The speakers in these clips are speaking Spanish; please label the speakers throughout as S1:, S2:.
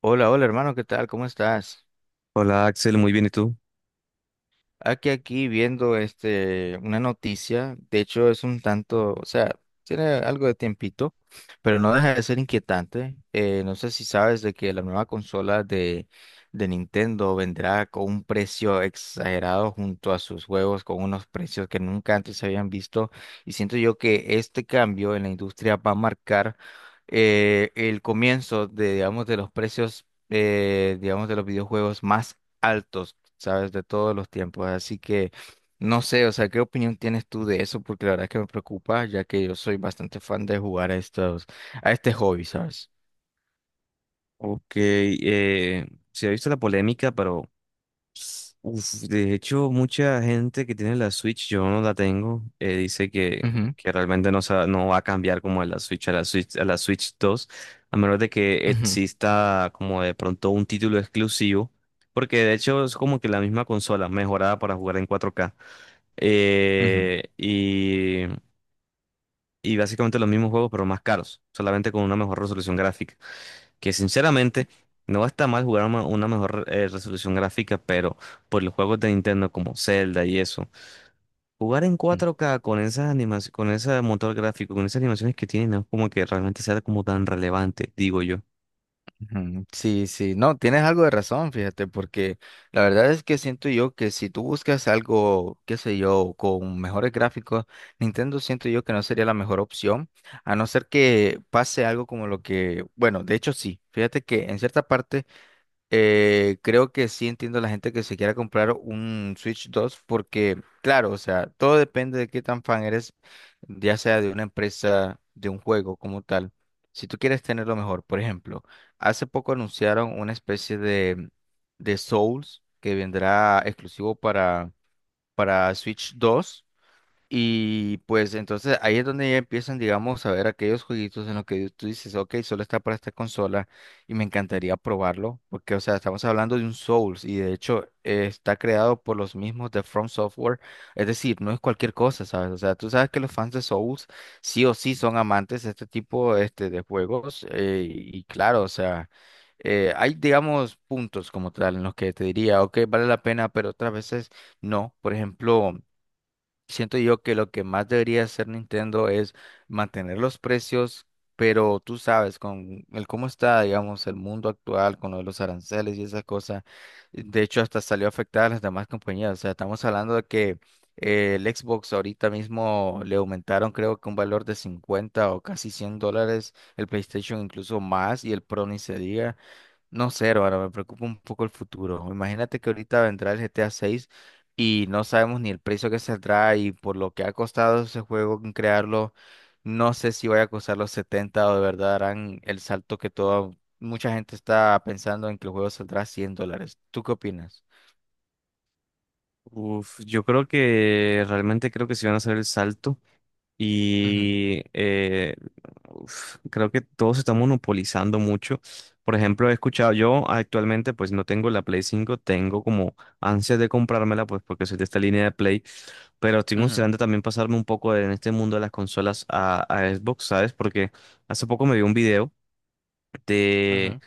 S1: Hola, hola hermano, ¿qué tal? ¿Cómo estás?
S2: Hola Axel, muy bien, ¿y tú?
S1: Aquí viendo este, una noticia, de hecho es un tanto, o sea, tiene algo de tiempito, pero no deja de ser inquietante. No sé si sabes de que la nueva consola de Nintendo vendrá con un precio exagerado junto a sus juegos, con unos precios que nunca antes se habían visto, y siento yo que este cambio en la industria va a marcar el comienzo de, digamos, de los precios. Digamos de los videojuegos más altos, ¿sabes? De todos los tiempos. Así que no sé, o sea, ¿qué opinión tienes tú de eso? Porque la verdad es que me preocupa, ya que yo soy bastante fan de jugar a estos, a este hobby, ¿sabes?
S2: Ok, se ha visto la polémica, pero de hecho mucha gente que tiene la Switch, yo no la tengo, dice que,
S1: Ujú,
S2: que realmente no, no va a cambiar como de la Switch, a la Switch 2, a menos de que
S1: ujú,
S2: exista como de pronto un título exclusivo, porque de hecho es como que la misma consola mejorada para jugar en 4K.
S1: ujú,
S2: eh, y, y básicamente los mismos juegos, pero más caros, solamente con una mejor resolución gráfica. Que sinceramente no está mal jugar una mejor resolución gráfica, pero por los juegos de Nintendo como Zelda y eso, jugar en
S1: ujú,
S2: 4K con esas animaciones, con ese motor gráfico, con esas animaciones que tiene, no es como que realmente sea como tan relevante, digo yo.
S1: ujú. Sí, sí, no, tienes algo de razón, fíjate, porque la verdad es que siento yo que si tú buscas algo, qué sé yo, con mejores gráficos, Nintendo siento yo que no sería la mejor opción, a no ser que pase algo como lo que, bueno, de hecho sí, fíjate que en cierta parte creo que sí entiendo a la gente que se quiera comprar un Switch 2 porque, claro, o sea, todo depende de qué tan fan eres, ya sea de una empresa, de un juego como tal. Si tú quieres tenerlo mejor, por ejemplo, hace poco anunciaron una especie de Souls que vendrá exclusivo para Switch 2. Y pues entonces ahí es donde ya empiezan, digamos, a ver aquellos jueguitos en los que tú dices, ok, solo está para esta consola y me encantaría probarlo, porque, o sea, estamos hablando de un Souls y de hecho está creado por los mismos de From Software, es decir, no es cualquier cosa, ¿sabes? O sea, tú sabes que los fans de Souls sí o sí son amantes de este tipo este, de juegos y claro, o sea, hay, digamos, puntos como tal en los que te diría, ok, vale la pena, pero otras veces no, por ejemplo. Siento yo que lo que más debería hacer Nintendo es mantener los precios, pero tú sabes, con el cómo está, digamos, el mundo actual, con lo de los aranceles y esas cosas, de hecho hasta salió afectada a las demás compañías. O sea, estamos hablando de que el Xbox ahorita mismo le aumentaron creo que un valor de 50 o casi 100 dólares, el PlayStation incluso más y el Pro ni se diga. No sé, ahora me preocupa un poco el futuro. Imagínate que ahorita vendrá el GTA 6 y no sabemos ni el precio que saldrá y por lo que ha costado ese juego en crearlo, no sé si vaya a costar los 70 o de verdad harán el salto que toda mucha gente está pensando en que el juego saldrá cien dólares. ¿Tú qué opinas?
S2: Yo creo que realmente creo que si van a hacer el salto.
S1: Ujú,
S2: Y creo que todo se está monopolizando mucho. Por ejemplo, he escuchado, yo actualmente pues no tengo la Play 5, tengo como ansias de comprármela pues porque soy de esta línea de Play, pero estoy
S1: ujú,
S2: considerando también pasarme un poco en este mundo de las consolas a Xbox, ¿sabes? Porque hace poco me vi un video
S1: ujú,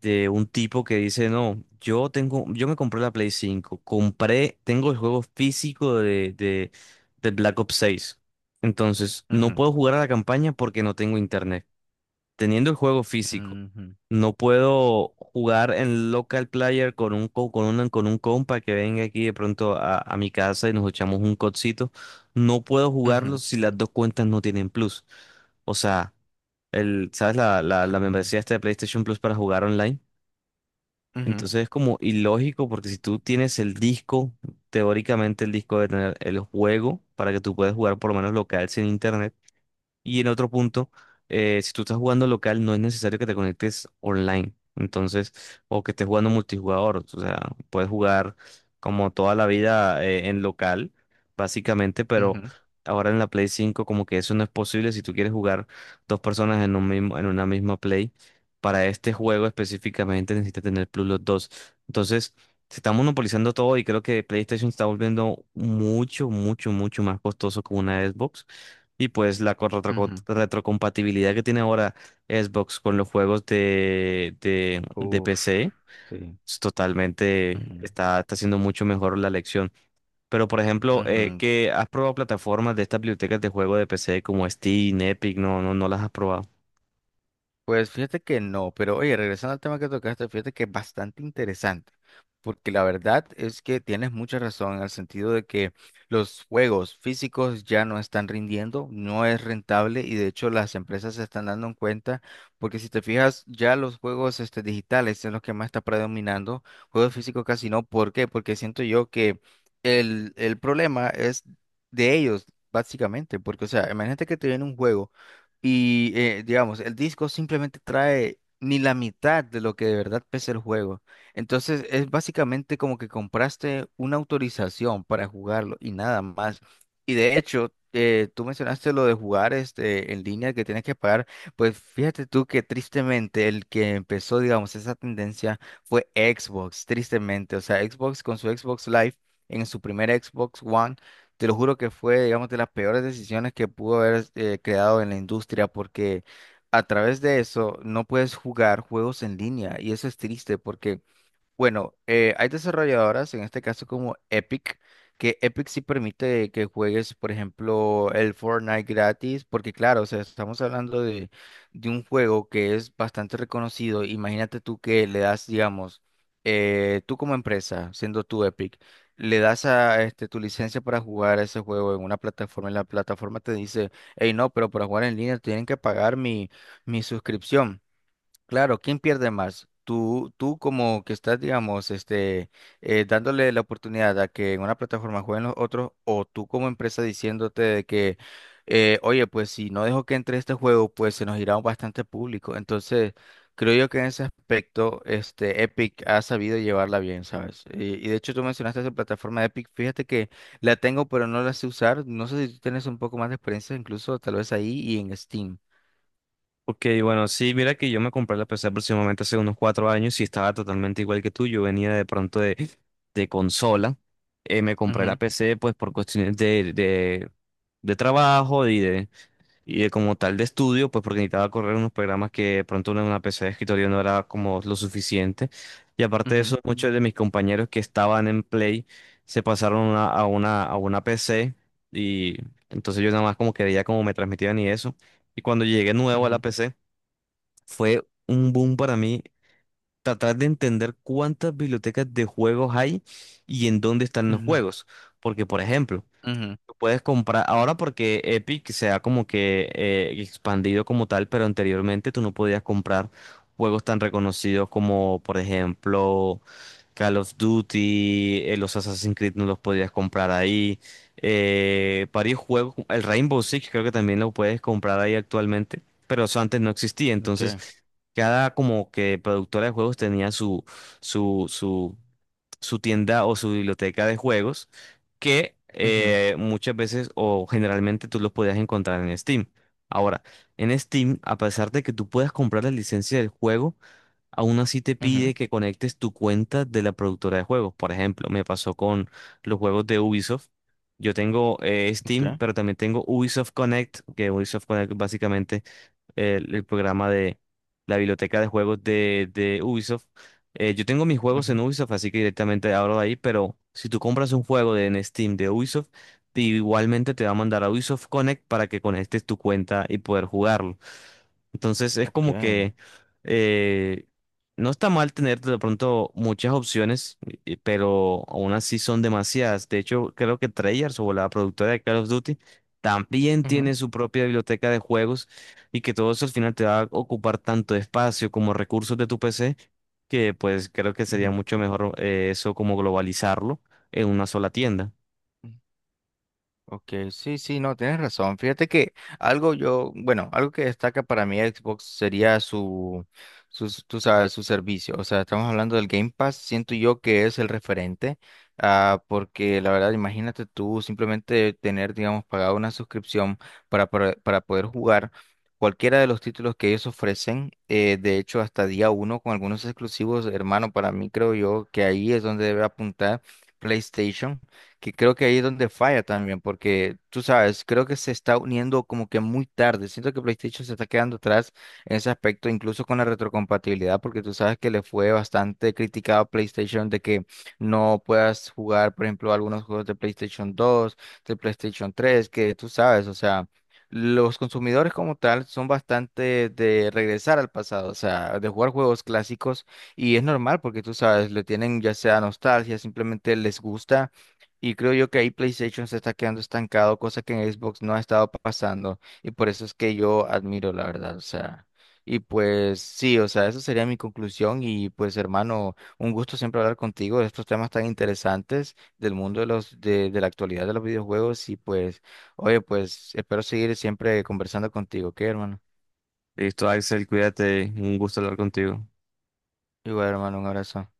S2: de un tipo que dice, no, yo tengo, yo me compré la Play 5, compré, tengo el juego físico de Black Ops 6. Entonces, no
S1: ujú,
S2: puedo jugar a la campaña porque no tengo internet. Teniendo el juego físico,
S1: ujú,
S2: no puedo jugar en local player con un, con un compa que venga aquí de pronto a mi casa y nos echamos un codcito. No puedo jugarlo
S1: ujú,
S2: si las dos cuentas no tienen plus. O sea, ¿sabes la, la,
S1: ok,
S2: la membresía esta de PlayStation Plus para jugar online?
S1: ujú,
S2: Entonces es como ilógico porque si tú tienes el disco, teóricamente el disco debe tener el juego para que tú puedas jugar por lo menos local sin internet. Y en otro punto, si tú estás jugando local, no es necesario que te conectes online. Entonces, o que estés jugando multijugador. O sea, puedes jugar como toda la vida en local, básicamente, pero
S1: ujú,
S2: ahora en la Play 5 como que eso no es posible si tú quieres jugar dos personas en un mismo, en una misma Play. Para este juego específicamente necesitas tener Plus los dos. Entonces, se está monopolizando todo y creo que PlayStation está volviendo mucho, mucho, mucho más costoso que una Xbox. Y pues la
S1: ujú.
S2: retrocompatibilidad que tiene ahora Xbox con los juegos de
S1: Uf,
S2: PC
S1: sí.
S2: es totalmente
S1: Ujú,
S2: está haciendo mucho mejor la elección. Pero por ejemplo,
S1: ujú.
S2: que has probado plataformas de estas bibliotecas de juego de PC como Steam, Epic, no, no, no las has probado.
S1: Pues fíjate que no, pero oye, regresando al tema que tocaste, fíjate que es bastante interesante, porque la verdad es que tienes mucha razón en el sentido de que los juegos físicos ya no están rindiendo, no es rentable y de hecho las empresas se están dando en cuenta, porque si te fijas, ya los juegos este, digitales son los que más está predominando, juegos físicos casi no, ¿por qué? Porque siento yo que el problema es de ellos, básicamente, porque o sea, imagínate que te viene un juego. Y digamos, el disco simplemente trae ni la mitad de lo que de verdad pesa el juego. Entonces es básicamente como que compraste una autorización para jugarlo y nada más. Y de hecho, tú mencionaste lo de jugar este, en línea que tienes que pagar. Pues fíjate tú que tristemente el que empezó, digamos, esa tendencia fue Xbox, tristemente. O sea, Xbox con su Xbox Live, en su primer Xbox One. Te lo juro que fue, digamos, de las peores decisiones que pudo haber creado en la industria, porque a través de eso no puedes jugar juegos en línea y eso es triste porque bueno, hay desarrolladoras, en este caso como Epic, que Epic sí permite que juegues, por ejemplo, el Fortnite gratis, porque claro, o sea, estamos hablando de un juego que es bastante reconocido. Imagínate tú que le das, digamos, tú como empresa, siendo tú Epic, le das a este, tu licencia para jugar ese juego en una plataforma y la plataforma te dice, hey, no, pero para jugar en línea tienen que pagar mi suscripción. Claro, ¿quién pierde más? Tú, como que estás, digamos, este, dándole la oportunidad a que en una plataforma jueguen los otros, o tú como empresa diciéndote de que, oye, pues si no dejo que entre este juego, pues se nos irá bastante público. Entonces, creo yo que en ese aspecto, este, Epic ha sabido llevarla bien, ¿sabes? Y de hecho tú mencionaste esa plataforma de Epic, fíjate que la tengo, pero no la sé usar. No sé si tú tienes un poco más de experiencia, incluso tal vez ahí y en Steam.
S2: Ok, bueno, sí, mira que yo me compré la PC aproximadamente hace unos 4 años y estaba totalmente igual que tú. Yo venía de pronto de consola. Me compré la
S1: Ujú,
S2: PC pues por cuestiones de trabajo y de como tal de estudio, pues porque necesitaba correr unos programas que de pronto en una PC de escritorio no era como lo suficiente. Y aparte de
S1: ujú,
S2: eso, muchos de mis compañeros que estaban en Play se pasaron a una PC y entonces yo nada más como que veía cómo me transmitían y eso. Y cuando llegué nuevo a la
S1: ujú,
S2: PC, fue un boom para mí tratar de entender cuántas bibliotecas de juegos hay y en dónde están los
S1: ujú,
S2: juegos. Porque, por ejemplo,
S1: ujú.
S2: puedes comprar ahora porque Epic se ha como que expandido como tal, pero anteriormente tú no podías comprar juegos tan reconocidos como, por ejemplo, Call of Duty, los Assassin's Creed no los podías comprar ahí. Varios juegos, el Rainbow Six creo que también lo puedes comprar ahí actualmente, pero eso antes no existía. Entonces,
S1: Okay.
S2: cada como que productora de juegos tenía su, su su tienda o su biblioteca de juegos que
S1: Ujú,
S2: muchas veces o generalmente tú los podías encontrar en Steam. Ahora, en Steam, a pesar de que tú puedas comprar la licencia del juego, aún así te
S1: ujú.
S2: pide que conectes tu cuenta de la productora de juegos. Por ejemplo, me pasó con los juegos de Ubisoft. Yo tengo Steam,
S1: Okay.
S2: pero también tengo Ubisoft Connect, que Ubisoft Connect básicamente el programa de la biblioteca de juegos de Ubisoft. Yo tengo mis juegos
S1: Ujú.
S2: en Ubisoft, así que directamente abro de ahí, pero si tú compras un juego en Steam de Ubisoft, igualmente te va a mandar a Ubisoft Connect para que conectes tu cuenta y poder jugarlo. Entonces es como
S1: Okay.
S2: que eh, no está mal tener de pronto muchas opciones, pero aún así son demasiadas. De hecho, creo que Treyarch o la productora de Call of Duty también
S1: Ujú,
S2: tiene su propia biblioteca de juegos y que todo eso al final te va a ocupar tanto espacio como recursos de tu PC, que pues creo que sería
S1: ujú,
S2: mucho mejor eso como globalizarlo en una sola tienda.
S1: ujú. Ok, sí, sí, no, tienes razón. Fíjate que algo yo, bueno, algo que destaca para mí Xbox sería su, sus- tú sabes, su servicio. O sea, estamos hablando del Game Pass, siento yo que es el referente, ah, porque la verdad, imagínate tú simplemente tener, digamos, pagado una suscripción para poder jugar cualquiera de los títulos que ellos ofrecen, de hecho, hasta día uno con algunos exclusivos, hermano, para mí creo yo que ahí es donde debe apuntar PlayStation que creo que ahí es donde falla también, porque tú sabes, creo que se está uniendo como que muy tarde. Siento que PlayStation se está quedando atrás en ese aspecto, incluso con la retrocompatibilidad, porque tú sabes que le fue bastante criticado a PlayStation de que no puedas jugar, por ejemplo, algunos juegos de PlayStation 2, de PlayStation 3, que tú sabes, o sea. Los consumidores como tal son bastante de regresar al pasado, o sea, de jugar juegos clásicos y es normal porque tú sabes, le tienen ya sea nostalgia, simplemente les gusta y creo yo que ahí PlayStation se está quedando estancado, cosa que en Xbox no ha estado pasando. Y por eso es que yo admiro, la verdad. O sea, y pues sí, o sea, esa sería mi conclusión. Y pues, hermano, un gusto siempre hablar contigo de estos temas tan interesantes del mundo de los, de la actualidad de los videojuegos. Y pues, oye, pues espero seguir siempre conversando contigo, ¿ok, hermano?
S2: Listo, Axel, cuídate, un gusto hablar contigo.
S1: Igual, hermano, un abrazo.